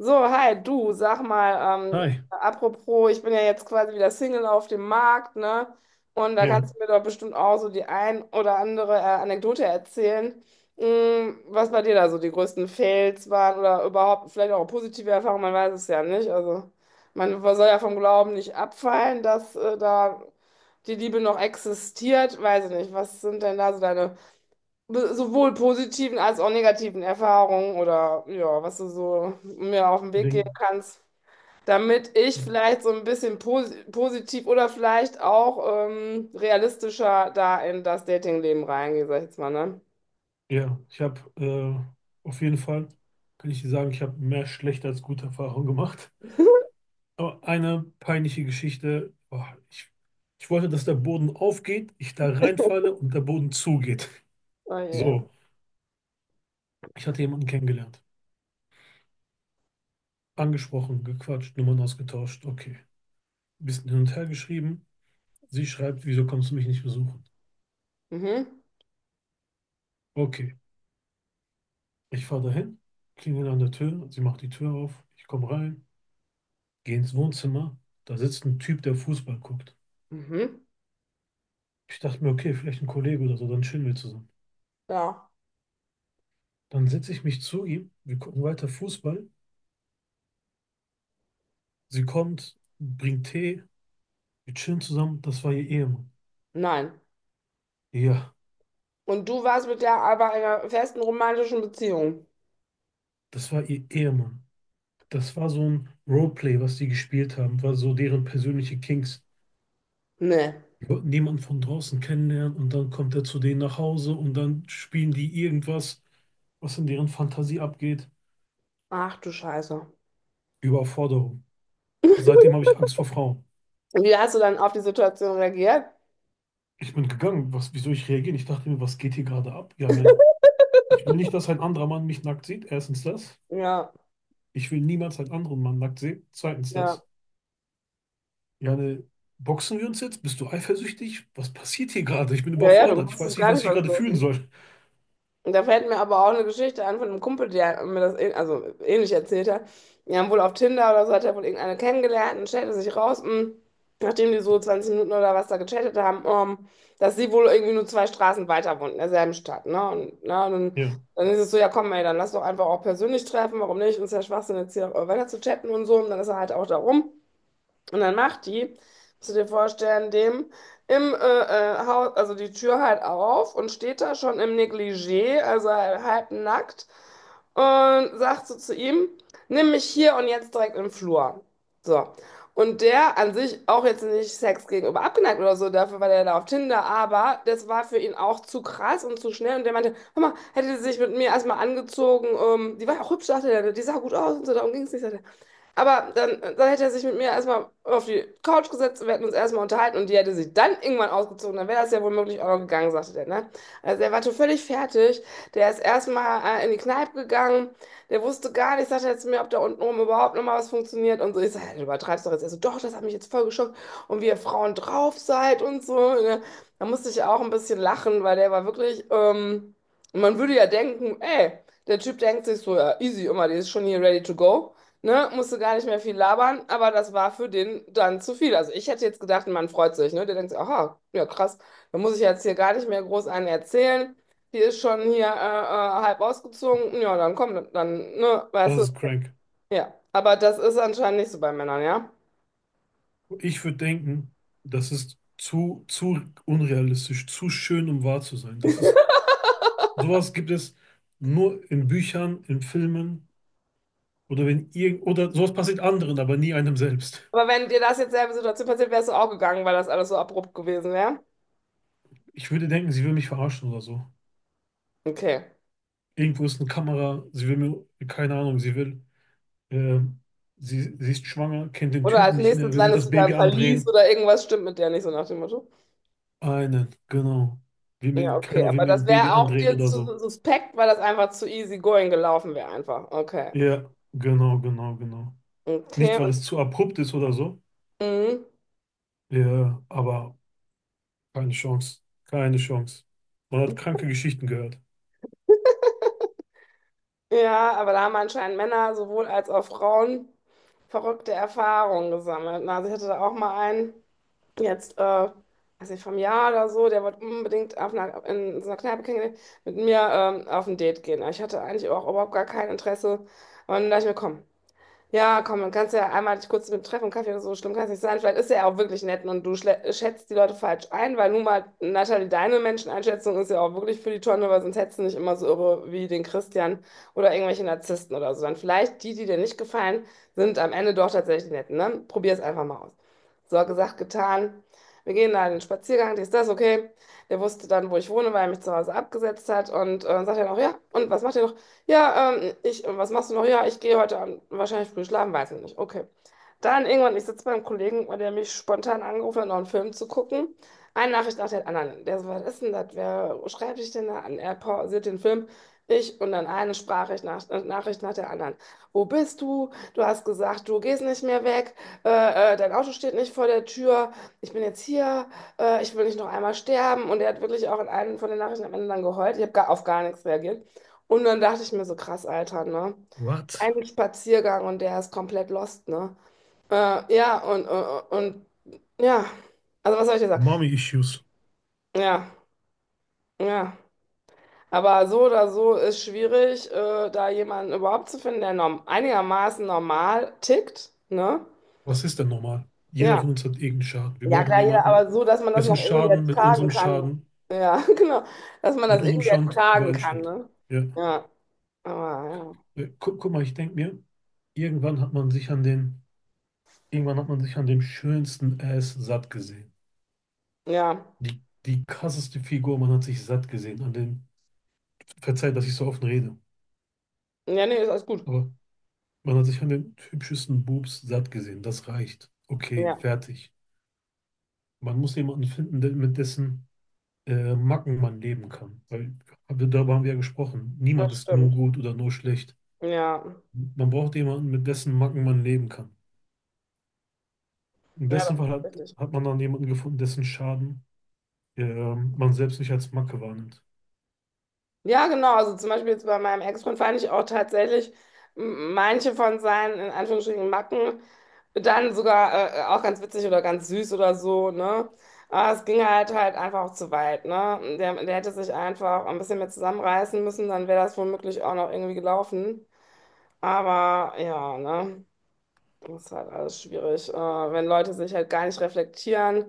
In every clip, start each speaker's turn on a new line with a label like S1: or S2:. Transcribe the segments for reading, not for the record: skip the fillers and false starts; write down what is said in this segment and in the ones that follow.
S1: So, hi, du, sag mal,
S2: Hi,
S1: apropos, ich bin ja jetzt quasi wieder Single auf dem Markt, ne? Und da
S2: ja,
S1: kannst du mir doch bestimmt auch so die ein oder andere Anekdote erzählen, was bei dir da so die größten Fails waren oder überhaupt vielleicht auch positive Erfahrungen, man weiß es ja nicht. Also, man soll ja vom Glauben nicht abfallen, dass da die Liebe noch existiert, weiß ich nicht. Was sind denn da so deine sowohl positiven als auch negativen Erfahrungen oder ja, was du so mir auf den Weg geben
S2: Ding,
S1: kannst, damit ich vielleicht so ein bisschen positiv oder vielleicht auch realistischer da in das Datingleben reingehe, sag ich jetzt mal, ne?
S2: ja, ich habe auf jeden Fall, kann ich dir sagen, ich habe mehr schlechte als gute Erfahrungen gemacht. Aber eine peinliche Geschichte, boah, ich wollte, dass der Boden aufgeht, ich da reinfalle und der Boden zugeht.
S1: Oh je.
S2: So, ich hatte jemanden kennengelernt, angesprochen, gequatscht, Nummern ausgetauscht, okay. Bisschen hin und her geschrieben, sie schreibt, wieso kommst du mich nicht besuchen?
S1: Mhm.
S2: Okay, ich fahre dahin, klingel an der Tür, sie macht die Tür auf, ich komme rein. Geh ins Wohnzimmer, da sitzt ein Typ, der Fußball guckt.
S1: Mhm.
S2: Ich dachte mir, okay, vielleicht ein Kollege oder so, dann chillen wir zusammen.
S1: Ja.
S2: Dann setze ich mich zu ihm, wir gucken weiter Fußball. Sie kommt, bringt Tee, wir chillen zusammen. Das war ihr Ehemann.
S1: Nein.
S2: Ja,
S1: Und du warst mit der aber in einer festen romantischen Beziehung?
S2: das war ihr Ehemann. Das war so ein Roleplay, was die gespielt haben, war so deren persönliche Kings.
S1: Nee.
S2: Die wollten niemanden von draußen kennenlernen und dann kommt er zu denen nach Hause und dann spielen die irgendwas, was in deren Fantasie abgeht.
S1: Ach du Scheiße.
S2: Überforderung. Aber seitdem habe ich Angst vor Frauen.
S1: Wie hast du dann auf die Situation reagiert?
S2: Ich bin gegangen. Was, wieso ich reagiere? Ich dachte mir, was geht hier gerade ab? Ja, ne. Ich will nicht, dass ein anderer Mann mich nackt sieht. Erstens das.
S1: Ja,
S2: Ich will niemals einen anderen Mann nackt sehen. Zweitens
S1: ja.
S2: das. Ja, ne. Boxen wir uns jetzt? Bist du eifersüchtig? Was passiert hier gerade? Ich bin
S1: Ja, ja, du
S2: überfordert. Ich
S1: wusstest
S2: weiß nicht,
S1: gar
S2: was
S1: nicht,
S2: ich
S1: was
S2: gerade
S1: los
S2: fühlen
S1: ist.
S2: soll.
S1: Und da fällt mir aber auch eine Geschichte an von einem Kumpel, der mir das also ähnlich erzählt hat. Die haben wohl auf Tinder oder so, hat er wohl irgendeine kennengelernt und stellte sich raus, nachdem die so 20 Minuten oder was da gechattet haben, dass sie wohl irgendwie nur zwei Straßen weiter wohnt, in derselben Stadt. Ne? Und, na, und dann,
S2: Ja,
S1: dann ist es so, ja komm ey, dann lass doch einfach auch persönlich treffen, warum nicht? Uns ist ja Schwachsinn jetzt hier weiter zu chatten und so. Und dann ist er halt auch da rum. Und dann macht die, musst du dir vorstellen, dem im Haus, also die Tür halt auf und steht da schon im Negligé, also halb nackt, und sagt so zu ihm, nimm mich hier und jetzt direkt im Flur. So. Und der an sich auch jetzt nicht Sex gegenüber abgeneigt oder so, dafür war der da auf Tinder, aber das war für ihn auch zu krass und zu schnell. Und der meinte, hör mal, hätte sie sich mit mir erstmal angezogen, die war ja auch hübsch, dachte er, die sah gut aus und so, darum ging es nicht. Sagt er, aber dann hätte er sich mit mir erstmal auf die Couch gesetzt und wir hätten uns erstmal unterhalten und die hätte sich dann irgendwann ausgezogen. Dann wäre das ja womöglich auch noch gegangen, sagte der, ne? Also er war schon völlig fertig. Der ist erstmal in die Kneipe gegangen. Der wusste gar nicht, sagte er zu mir, ob da unten oben überhaupt noch mal was funktioniert und so. Ich sage, du übertreibst doch jetzt. Also doch, das hat mich jetzt voll geschockt. Und wie ihr Frauen drauf seid und so. Ne? Da musste ich auch ein bisschen lachen, weil der war wirklich, man würde ja denken, ey, der Typ denkt sich so, ja, easy immer, die ist schon hier ready to go. Ne, musste gar nicht mehr viel labern, aber das war für den dann zu viel. Also ich hätte jetzt gedacht, man freut sich, ne? Der denkt sich, aha, ja krass, da muss ich jetzt hier gar nicht mehr groß einen erzählen. Die ist schon hier halb ausgezogen. Ja, dann komm, ne, weißt
S2: das
S1: du,
S2: ist crank.
S1: ja. Aber das ist anscheinend nicht so bei Männern, ja.
S2: Ich würde denken, das ist zu unrealistisch, zu schön, um wahr zu sein. Das ist, sowas gibt es nur in Büchern, in Filmen oder wenn irgend, oder sowas passiert anderen, aber nie einem selbst.
S1: Aber wenn dir das jetzt selbe Situation passiert, wärst du auch gegangen, weil das alles so abrupt gewesen wäre.
S2: Ich würde denken, sie will mich verarschen oder so.
S1: Okay.
S2: Irgendwo ist eine Kamera, sie will mir, keine Ahnung, äh, sie ist schwanger, kennt den
S1: Oder
S2: Typen
S1: als
S2: nicht mehr,
S1: nächstes
S2: will mir
S1: landest
S2: das
S1: du da im
S2: Baby
S1: Verlies
S2: andrehen.
S1: oder irgendwas stimmt mit der nicht, so nach dem Motto.
S2: Einen, genau. Will
S1: Ja,
S2: mir,
S1: okay,
S2: keiner will
S1: aber
S2: mir
S1: das
S2: ein Baby
S1: wäre auch
S2: andrehen
S1: dir
S2: oder
S1: zu
S2: so.
S1: suspekt, weil das einfach zu easy going gelaufen wäre einfach. Okay.
S2: Ja, genau. Nicht,
S1: Okay,
S2: weil
S1: und
S2: es zu abrupt ist oder so.
S1: mhm.
S2: Ja, aber keine Chance. Man hat kranke Geschichten gehört.
S1: Ja, aber da haben anscheinend Männer sowohl als auch Frauen verrückte Erfahrungen gesammelt. Na, also ich hatte da auch mal einen, jetzt, weiß nicht, vom Jahr oder so, der wollte unbedingt auf einer, in so einer Kneipe kennengelernt, mit mir auf ein Date gehen. Aber ich hatte eigentlich auch überhaupt gar kein Interesse. Und da dachte ich mir, komm, ja, komm, dann kannst du ja einmal dich kurz mit dem Treffen, Kaffee oder so, schlimm kann es nicht sein. Vielleicht ist er ja auch wirklich nett und du schätzt die Leute falsch ein, weil nun mal, Natalie, deine Menscheneinschätzung ist ja auch wirklich für die Tonne, weil sonst hättest du nicht immer so irre wie den Christian oder irgendwelche Narzissten oder so. Dann vielleicht die, die dir nicht gefallen, sind am Ende doch tatsächlich die Netten, ne? Probier es einfach mal aus. So, gesagt, getan. Wir gehen da in den Spaziergang, dies, das, okay. Der wusste dann, wo ich wohne, weil er mich zu Hause abgesetzt hat und sagt dann auch, ja, und was macht ihr noch? Ja, was machst du noch? Ja, ich gehe heute Abend wahrscheinlich früh schlafen, weiß ich nicht. Okay. Dann irgendwann, ich sitze beim Kollegen, weil der mich spontan angerufen hat, noch einen Film zu gucken. Eine Nachricht nach der anderen. Der so, was ist denn das? Wer schreibt dich denn da an? Er pausiert den Film. Ich und dann eine Sprachnachricht Nachricht nach der anderen. Wo bist du? Du hast gesagt, du gehst nicht mehr weg. Dein Auto steht nicht vor der Tür. Ich bin jetzt hier. Ich will nicht noch einmal sterben. Und er hat wirklich auch in einem von den Nachrichten am Ende dann geheult. Ich habe gar, auf gar nichts reagiert. Und dann dachte ich mir so, krass, Alter, ne?
S2: What?
S1: Ein Spaziergang und der ist komplett lost, ne? Ja, und ja, also was soll ich dir sagen?
S2: Mommy Issues.
S1: Ja, ja. Aber so oder so ist schwierig, da jemanden überhaupt zu finden, der norm einigermaßen normal tickt, ne?
S2: Was ist denn normal? Jeder
S1: Ja.
S2: von uns hat irgendeinen Schaden. Wir
S1: Ja,
S2: brauchen
S1: klar, jeder,
S2: jemanden,
S1: aber so, dass man das
S2: dessen
S1: noch irgendwie
S2: Schaden mit
S1: ertragen
S2: unserem
S1: kann.
S2: Schaden,
S1: Ja, genau. Dass man
S2: mit
S1: das
S2: unserem
S1: irgendwie
S2: Schaden
S1: ertragen kann,
S2: übereinstimmt.
S1: ne?
S2: Ja.
S1: Ja, aber
S2: Guck mal, ich denke mir, irgendwann hat man sich an den, irgendwann hat man sich an dem schönsten Ass satt gesehen.
S1: ja.
S2: Die krasseste Figur, man hat sich satt gesehen. An dem, verzeiht, dass ich so offen rede,
S1: Ja, ja nee, ist alles gut.
S2: aber man hat sich an den hübschesten Boobs satt gesehen. Das reicht. Okay,
S1: Ja,
S2: fertig. Man muss jemanden finden, der, mit dessen Macken man leben kann. Weil hab- darüber haben wir ja gesprochen. Niemand
S1: das
S2: ist nur
S1: stimmt.
S2: gut oder nur schlecht.
S1: Ja.
S2: Man braucht jemanden, mit dessen Macken man leben kann. Im
S1: Ja,
S2: besten
S1: das
S2: Fall
S1: ist
S2: hat,
S1: richtig.
S2: hat man dann jemanden gefunden, dessen Schaden man selbst nicht als Macke wahrnimmt.
S1: Ja, genau. Also zum Beispiel jetzt bei meinem Ex-Freund fand ich auch tatsächlich manche von seinen, in Anführungsstrichen, Macken dann sogar auch ganz witzig oder ganz süß oder so, ne? Aber es ging halt einfach auch zu weit, ne? Der, der hätte sich einfach ein bisschen mehr zusammenreißen müssen, dann wäre das womöglich auch noch irgendwie gelaufen. Aber ja, ne? Das ist halt alles schwierig, wenn Leute sich halt gar nicht reflektieren,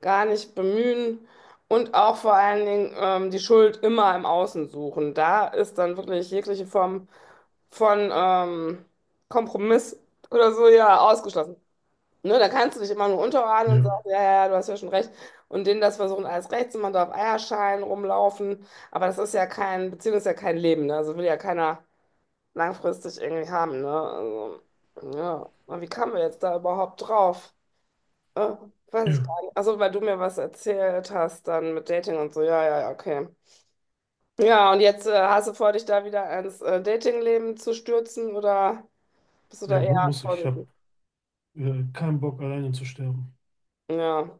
S1: gar nicht bemühen und auch vor allen Dingen die Schuld immer im Außen suchen. Da ist dann wirklich jegliche Form von Kompromiss oder so ja ausgeschlossen. Ne, da kannst du dich immer nur unterordnen und sagen,
S2: Ja,
S1: ja, ja, ja, du hast ja schon recht. Und denen das versuchen, alles recht zu machen, da auf Eierschalen rumlaufen. Aber das ist ja kein, Beziehung ist ja kein Leben. Ne? Also will ja keiner langfristig irgendwie haben, ne? Also, ja. Und wie kamen wir jetzt da überhaupt drauf? Äh, weiß ich
S2: ja.
S1: gar nicht. Also, weil du mir was erzählt hast, dann mit Dating und so. Ja, ja, ja, okay. Ja, und jetzt hast du vor, dich da wieder ins Datingleben zu stürzen oder bist du da
S2: Ja,
S1: eher
S2: mu muss ich. Ich habe
S1: vorsichtig?
S2: keinen Bock, alleine zu sterben.
S1: Ja,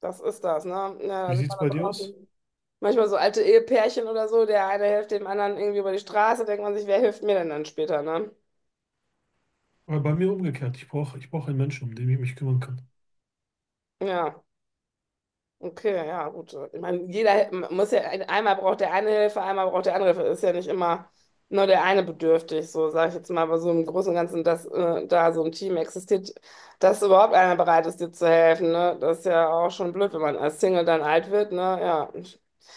S1: das ist das, ne? Ja, da
S2: Wie
S1: sieht
S2: sieht's
S1: man da
S2: bei dir aus?
S1: draußen manchmal so alte Ehepärchen oder so, der eine hilft dem anderen irgendwie über die Straße, denkt man sich, wer hilft mir denn dann später, ne?
S2: Aber bei mir umgekehrt. Ich brauch einen Menschen, um den ich mich kümmern kann.
S1: Ja. Okay, ja, gut. Ich meine, jeder man muss ja, einmal braucht der eine Hilfe, einmal braucht der andere Hilfe. Ist ja nicht immer nur der eine bedürftig, so sage ich jetzt mal, aber so im Großen und Ganzen, dass da so ein Team existiert, dass überhaupt einer bereit ist, dir zu helfen, ne? Das ist ja auch schon blöd, wenn man als Single dann alt wird, ne? Ja.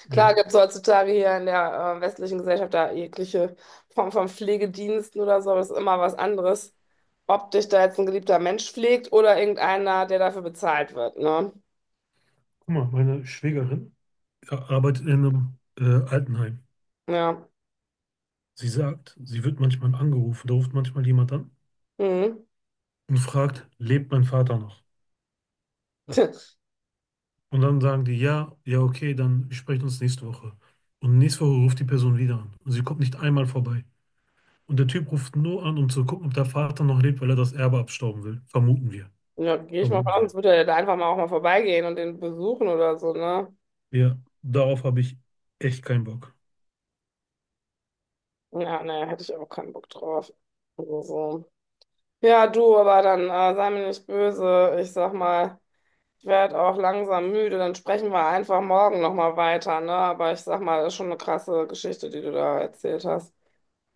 S1: Klar
S2: Ja.
S1: gibt es heutzutage hier in der westlichen Gesellschaft da jegliche Form von Pflegediensten oder so, aber das ist immer was anderes, ob dich da jetzt ein geliebter Mensch pflegt oder irgendeiner, der dafür bezahlt wird, ne?
S2: Guck mal, meine Schwägerin arbeitet in einem Altenheim.
S1: Ja.
S2: Sie sagt, sie wird manchmal angerufen, da ruft manchmal jemand an
S1: Mhm.
S2: und fragt, lebt mein Vater noch? Und dann sagen die, ja, ja, okay, dann sprechen uns nächste Woche. Und nächste Woche ruft die Person wieder an. Und sie kommt nicht einmal vorbei. Und der Typ ruft nur an, um zu gucken, ob der Vater noch lebt, weil er das Erbe abstauben will. Vermuten wir.
S1: Ja, gehe ich mal von
S2: Vermuten
S1: aus,
S2: wir.
S1: sonst würde er ja da einfach mal auch mal vorbeigehen und den besuchen oder so, ne?
S2: Ja, darauf habe ich echt keinen Bock.
S1: Ja, ne, hätte ich auch keinen Bock drauf. Also, so. Ja, du, aber dann sei mir nicht böse. Ich sag mal, ich werde auch langsam müde. Dann sprechen wir einfach morgen nochmal weiter, ne? Aber ich sag mal, das ist schon eine krasse Geschichte, die du da erzählt hast.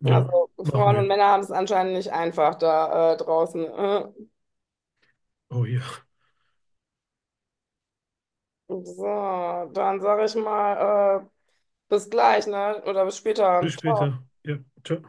S2: Ja,
S1: Also,
S2: machen
S1: Frauen und
S2: wir.
S1: Männer haben es anscheinend nicht einfach da draußen.
S2: Oh ja.
S1: So, dann sage ich mal, bis gleich, ne? Oder bis später.
S2: Bis später. Ja, ciao.